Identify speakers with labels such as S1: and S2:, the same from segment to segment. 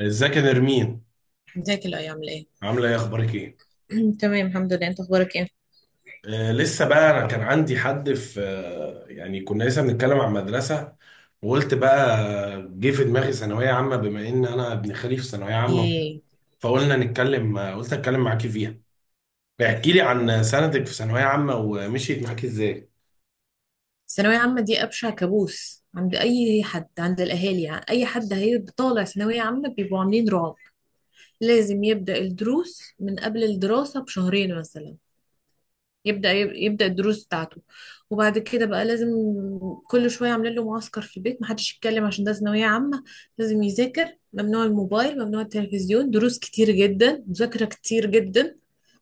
S1: ازيك يا نرمين؟
S2: ازيك الايام ليه؟
S1: عامله ايه، اخبارك ايه؟
S2: تمام الحمد لله، انت اخبارك ايه؟
S1: لسه بقى انا كان عندي حد في يعني كنا لسه بنتكلم عن مدرسه، وقلت بقى، جه في دماغي ثانويه عامه، بما ان انا ابن خالي في ثانويه عامه،
S2: ايه
S1: فقلنا نتكلم. قلت اتكلم معاكي فيها، احكي لي عن سنتك في ثانويه عامه، ومشيت معاكي ازاي.
S2: الثانوية عامة دي؟ أبشع كابوس عند أي حد، عند الأهالي يعني. أي حد هيبقى طالع ثانوية عامة بيبقوا عاملين رعب. لازم يبدأ الدروس من قبل الدراسة بشهرين مثلا. يبدأ الدروس بتاعته. وبعد كده بقى لازم كل شوية عاملين له معسكر في البيت، محدش يتكلم عشان ده ثانوية عامة. لازم يذاكر، ممنوع الموبايل، ممنوع التلفزيون، دروس كتير جدا، مذاكرة كتير جدا.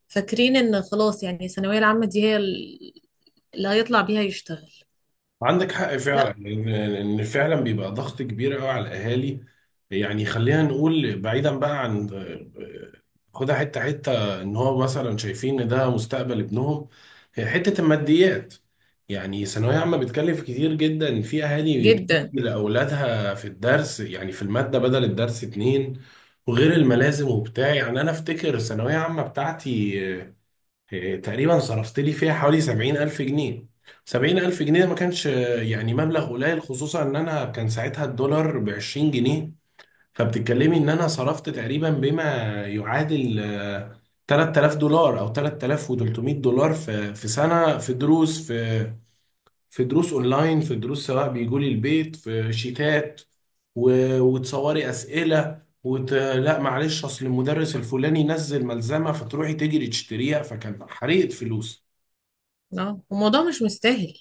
S2: فاكرين ان خلاص يعني الثانوية العامة دي هي اللي هيطلع بيها يشتغل.
S1: عندك حق فعلا
S2: لا.
S1: إن فعلا بيبقى ضغط كبير قوي على الاهالي. يعني خلينا نقول، بعيدا بقى عن، خدها حته حته، ان هو مثلا شايفين ان ده مستقبل ابنهم. هي حته الماديات، يعني ثانويه عامه بتكلف كتير جدا، في اهالي بتدي
S2: جدا.
S1: لاولادها في الدرس يعني في الماده بدل الدرس اتنين، وغير الملازم وبتاع. يعني انا افتكر الثانويه عامه بتاعتي، تقريبا صرفت لي فيها حوالي 70 ألف جنيه. 70 ألف جنيه ما كانش يعني مبلغ قليل، خصوصا إن أنا كان ساعتها الدولار بـ20 جنيه. فبتتكلمي إن أنا صرفت تقريبا بما يعادل 3000 دولار أو 3300 دولار، في سنة، في دروس، في دروس اونلاين، في دروس، سواء بيجوا لي البيت، في شيتات وتصوري اسئله لا معلش، اصل المدرس الفلاني نزل ملزمه فتروحي تجري تشتريها، فكان حريقه فلوس.
S2: اه الموضوع مش مستاهل.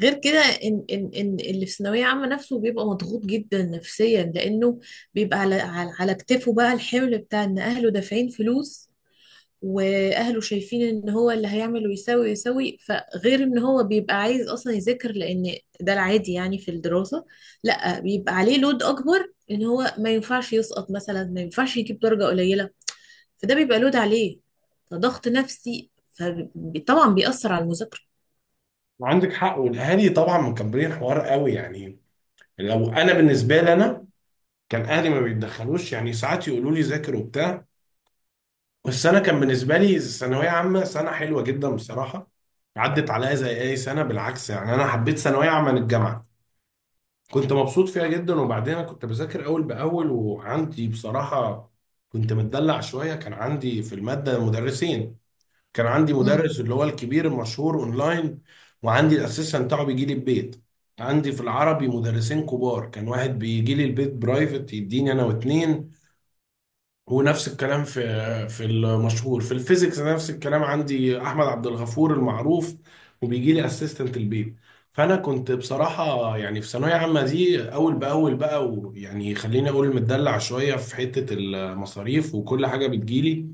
S2: غير كده ان اللي في ثانويه عامه نفسه بيبقى مضغوط جدا نفسيا لانه بيبقى على كتفه بقى الحمل بتاع ان اهله دافعين فلوس، واهله شايفين ان هو اللي هيعمل ويساوي ويساوي. فغير ان هو بيبقى عايز اصلا يذاكر لان ده العادي يعني في الدراسة، لا بيبقى عليه لود اكبر ان هو ما ينفعش يسقط مثلا، ما ينفعش يجيب درجة قليلة. فده بيبقى لود عليه، فضغط نفسي، فطبعا بيأثر على المذاكرة.
S1: عندك حق، والاهالي طبعا مكبرين الحوار قوي يعني. لو انا بالنسبه لي انا، كان اهلي ما بيتدخلوش، يعني ساعات يقولوا لي ذاكر وبتاع. بس انا كان بالنسبه لي الثانويه عامه سنه حلوه جدا بصراحه، عدت عليا زي اي سنه، بالعكس يعني انا حبيت ثانويه عامه عن الجامعه، كنت مبسوط فيها جدا. وبعدين انا كنت بذاكر اول باول، وعندي بصراحه كنت متدلع شويه. كان عندي في الماده مدرسين، كان عندي
S2: امم
S1: مدرس اللي هو الكبير المشهور اونلاين، وعندي الاسيستنت بتاعه بيجي لي البيت. عندي في العربي مدرسين كبار، كان واحد بيجي لي البيت برايفت، يديني انا واتنين. ونفس الكلام في المشهور في الفيزيكس، نفس الكلام، عندي احمد عبد الغفور المعروف، وبيجي لي اسيستنت البيت. فانا كنت بصراحه يعني في ثانويه عامه دي اول باول بقى، ويعني خليني اقول متدلع شويه في حته المصاريف وكل حاجه بتجيلي.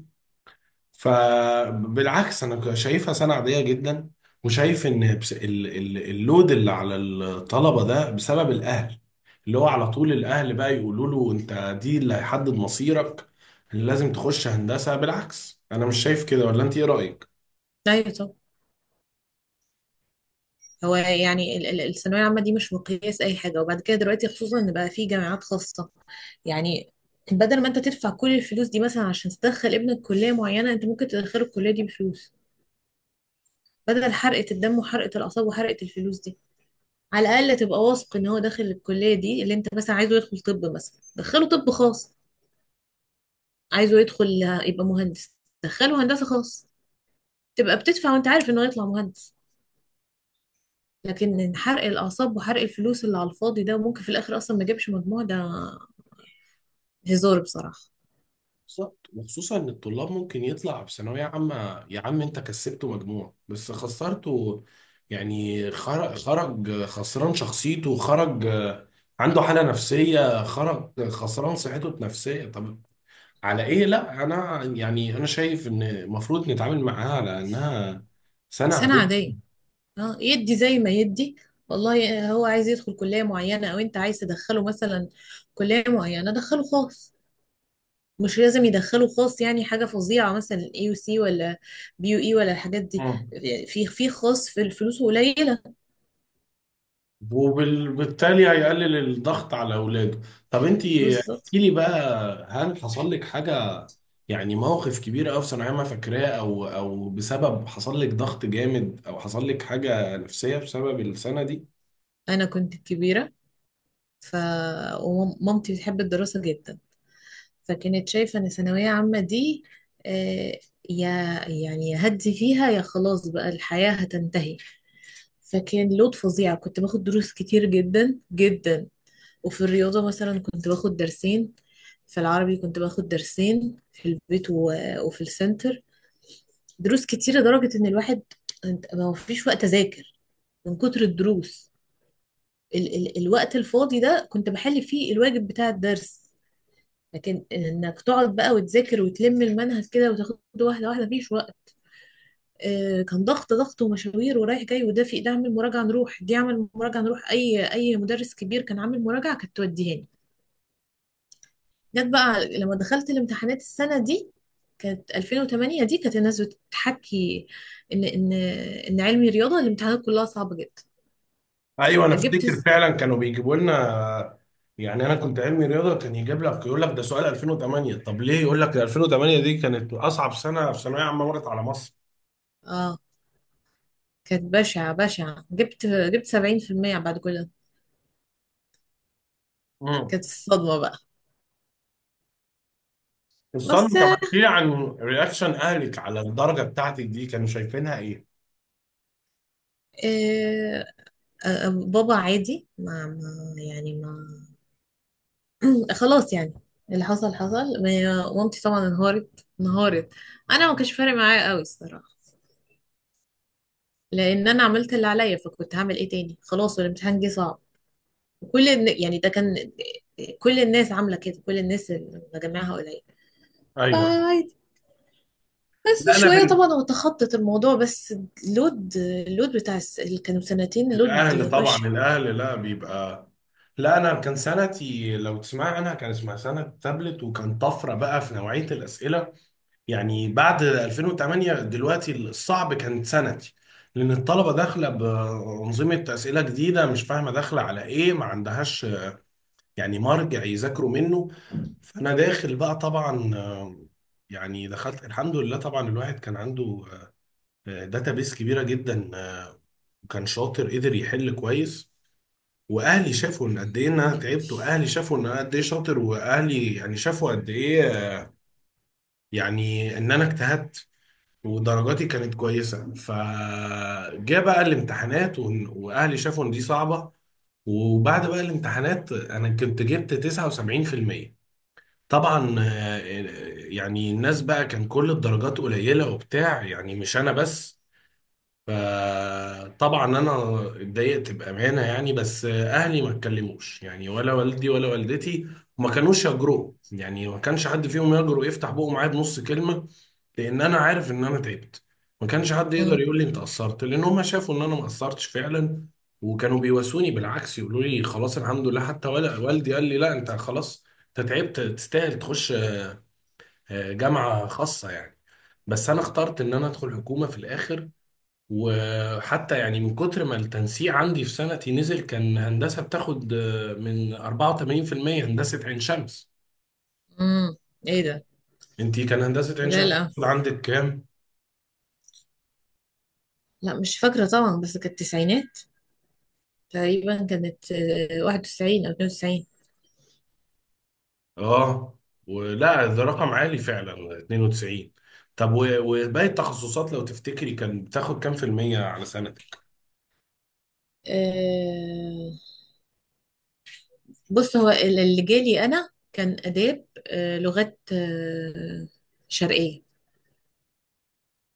S1: فبالعكس انا شايفها سنه عاديه جدا، وشايف ان اللود اللي على الطلبه ده بسبب الاهل، اللي هو على طول الاهل بقى يقولوا له انت دي اللي هيحدد مصيرك، اللي لازم تخش هندسه. بالعكس انا مش شايف كده، ولا انت ايه رايك؟
S2: ايوه طبعا. هو يعني الثانوية العامة دي مش مقياس أي حاجة. وبعد كده دلوقتي خصوصا إن بقى في جامعات خاصة، يعني بدل ما أنت تدفع كل الفلوس دي مثلا عشان تدخل ابنك كلية معينة، أنت ممكن تدخله الكلية دي بفلوس بدل حرقة الدم وحرقة الأعصاب وحرقة الفلوس دي. على الأقل تبقى واثق إن هو داخل الكلية دي اللي أنت مثلا عايزه. يدخل طب مثلا، دخله طب خاص. عايزه يدخل يبقى مهندس، دخله هندسة خاص. تبقى بتدفع وأنت عارف إنه هيطلع مهندس. لكن حرق الأعصاب وحرق الفلوس اللي على الفاضي ده، وممكن في الآخر أصلا ما جابش مجموع، ده هزار بصراحة.
S1: بالظبط، وخصوصا ان الطلاب ممكن يطلع في ثانويه عامه، يا عم انت كسبته مجموع بس خسرته، يعني خرج، خرج خسران شخصيته، خرج عنده حاله نفسيه، خرج خسران صحته النفسيه. طب على ايه؟ لا انا يعني انا شايف ان المفروض نتعامل معاها على انها سنه
S2: سنة
S1: عاديه.
S2: عادية. اه يدي زي ما يدي. والله هو عايز يدخل كلية معينة او انت عايز تدخله مثلا كلية معينة، دخله خاص. مش لازم يدخله خاص يعني حاجة فظيعة مثلا اي يو سي ولا بي يو اي ولا الحاجات دي.
S1: مم.
S2: في في خاص في الفلوس قليلة.
S1: وبالتالي هيقلل الضغط على اولاده. طب انت احكي
S2: بالظبط.
S1: لي بقى، هل حصل لك حاجه، يعني موقف كبير قوي في ثانوية عامة فاكراه، او بسبب حصل لك ضغط جامد، او حصل لك حاجة نفسية بسبب السنة دي؟
S2: انا كنت كبيرة، ف، ومامتي بتحب الدراسة جدا، فكانت شايفة ان ثانوية عامة دي آه، يا يعني يا هدي فيها يا خلاص بقى الحياة هتنتهي. فكان لود فظيع. كنت باخد دروس كتير جدا جدا. وفي الرياضة مثلا كنت باخد درسين، في العربي كنت باخد درسين في البيت وفي السنتر. دروس كتير لدرجة إن الواحد ما فيش وقت أذاكر من كتر الدروس. الوقت الفاضي ده كنت بحل فيه الواجب بتاع الدرس. لكن إنك تقعد بقى وتذاكر وتلم المنهج كده وتاخد واحدة واحدة، مفيش وقت. كان ضغط ومشاوير ورايح جاي، ودافي ده عامل مراجعة نروح، دي عامل مراجعة نروح، أي مدرس كبير كان عامل مراجعة كانت توديهاني. جت بقى لما دخلت الامتحانات السنة دي، كانت 2008، دي كانت الناس بتحكي إن إن إن علمي رياضة الامتحانات كلها صعبة جدا.
S1: ايوه، انا
S2: جبت
S1: افتكر
S2: س-
S1: فعلا كانوا بيجيبوا لنا، يعني انا كنت علمي رياضة، كان يجيب لك يقول لك ده سؤال 2008، طب ليه يقول لك ده؟ 2008 دي كانت اصعب سنة في ثانوية عامة مرت على مصر.
S2: اه كانت بشعة بشعة. جبت 70% بعد كل ده.
S1: امم
S2: كانت الصدمة بقى.
S1: استنى،
S2: بس
S1: طب احكي لي عن رياكشن اهلك على الدرجة بتاعتك دي، كانوا شايفينها ايه؟
S2: بابا عادي، ما ما يعني ما خلاص يعني، اللي حصل حصل. مامتي طبعا انهارت. انا ما كانش فارق معايا قوي الصراحه، لان انا عملت اللي عليا، فكنت هعمل ايه تاني؟ خلاص والامتحان جه صعب. يعني ده كان كل الناس عامله كده، كل الناس اللي مجمعها قليل،
S1: ايوه.
S2: فعادي. بس
S1: لا انا
S2: شويه طبعا هو تخطط الموضوع بس. اللود بتاع اللي كانوا سنتين لود
S1: الاهل طبعا،
S2: بشع.
S1: الاهل لا بيبقى، لا انا كان سنتي لو تسمع عنها كان اسمها سنه تابلت، وكان طفره بقى في نوعيه الاسئله، يعني بعد 2008 دلوقتي الصعب كانت سنتي، لان الطلبه داخله بانظمه اسئله جديده مش فاهمه داخله على ايه، ما عندهاش يعني مرجع يذاكروا منه. فانا داخل بقى طبعا، يعني دخلت الحمد لله. طبعا الواحد كان عنده داتابيس كبيره جدا، وكان شاطر قدر يحل كويس. واهلي شافوا ان قد ايه ان انا تعبت، واهلي شافوا ان انا قد ايه شاطر، واهلي يعني شافوا قد ايه يعني ان انا اجتهدت، ودرجاتي كانت كويسه. فجاء بقى الامتحانات واهلي شافوا ان دي صعبه. وبعد بقى الامتحانات انا كنت جبت 79%. طبعا يعني الناس بقى كان كل الدرجات قليله وبتاع، يعني مش انا بس. فطبعا انا اتضايقت بامانه يعني، بس اهلي ما اتكلموش يعني، ولا والدي ولا والدتي، وما كانوش يجرؤوا. يعني ما كانش حد فيهم يجرؤ يفتح بقه معايا بنص كلمه، لان انا عارف ان انا تعبت، ما كانش حد يقدر
S2: مم.
S1: يقول لي انت قصرت، لان هم شافوا ان انا ما قصرتش فعلا. وكانوا بيواسوني بالعكس، يقولوا لي خلاص الحمد لله. حتى ولا والدي قال لي لا انت خلاص، انت تعبت، تستاهل تخش جامعه خاصه يعني. بس انا اخترت ان انا ادخل حكومه في الاخر. وحتى يعني من كتر ما التنسيق عندي في سنتي نزل، كان هندسة بتاخد من 84%، هندسة عين شمس.
S2: مم. ايه ده؟
S1: انتي كان هندسة عين
S2: لا
S1: شمس
S2: لا
S1: بتاخد عندك كام؟
S2: لا مش فاكره طبعا، بس كانت التسعينات تقريبا، كانت 91 او 92.
S1: اه، ولا ده رقم عالي فعلا، 92. طب، وباقي التخصصات لو تفتكري كان بتاخد كام في المية على سنتك؟
S2: آه، بص، هو اللي جالي انا كان اداب لغات شرقيه.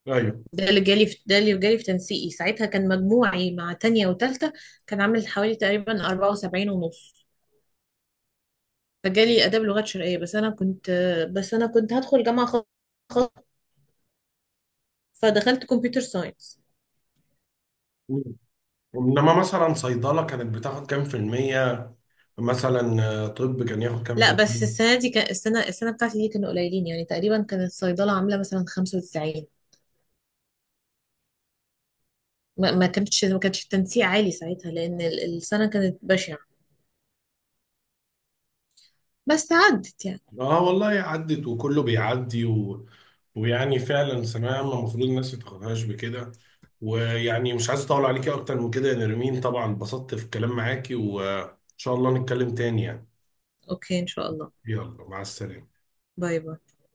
S1: ايوه.
S2: ده اللي جالي في، ده اللي جالي في تنسيقي ساعتها، كان مجموعي مع تانية وتالتة كان عامل حوالي تقريبا 74 ونص. فجالي اداب لغات شرقيه، بس انا كنت بس انا كنت هدخل جامعه خاصه، فدخلت كمبيوتر ساينس.
S1: انما مثلا صيدلة كانت بتاخد كام في المية، مثلا طب كان ياخد كام في
S2: لا بس
S1: المية؟
S2: السنه دي كان السنه بتاعتي دي كانوا قليلين يعني، تقريبا كانت الصيدله عامله مثلا 95. ما ما كانتش ما كانش التنسيق عالي ساعتها لأن السنة كانت بشعة. بس عدت يعني.
S1: اه والله، عدت وكله بيعدي ويعني فعلا ثانوية عامة المفروض الناس ما تاخدهاش بكده. ويعني مش عايز اطول عليكي اكتر من كده يا نرمين، طبعا اتبسطت في الكلام معاكي، وان شاء الله نتكلم تاني يعني.
S2: اوكي ان شاء الله.
S1: يلا، مع السلامة.
S2: باي باي.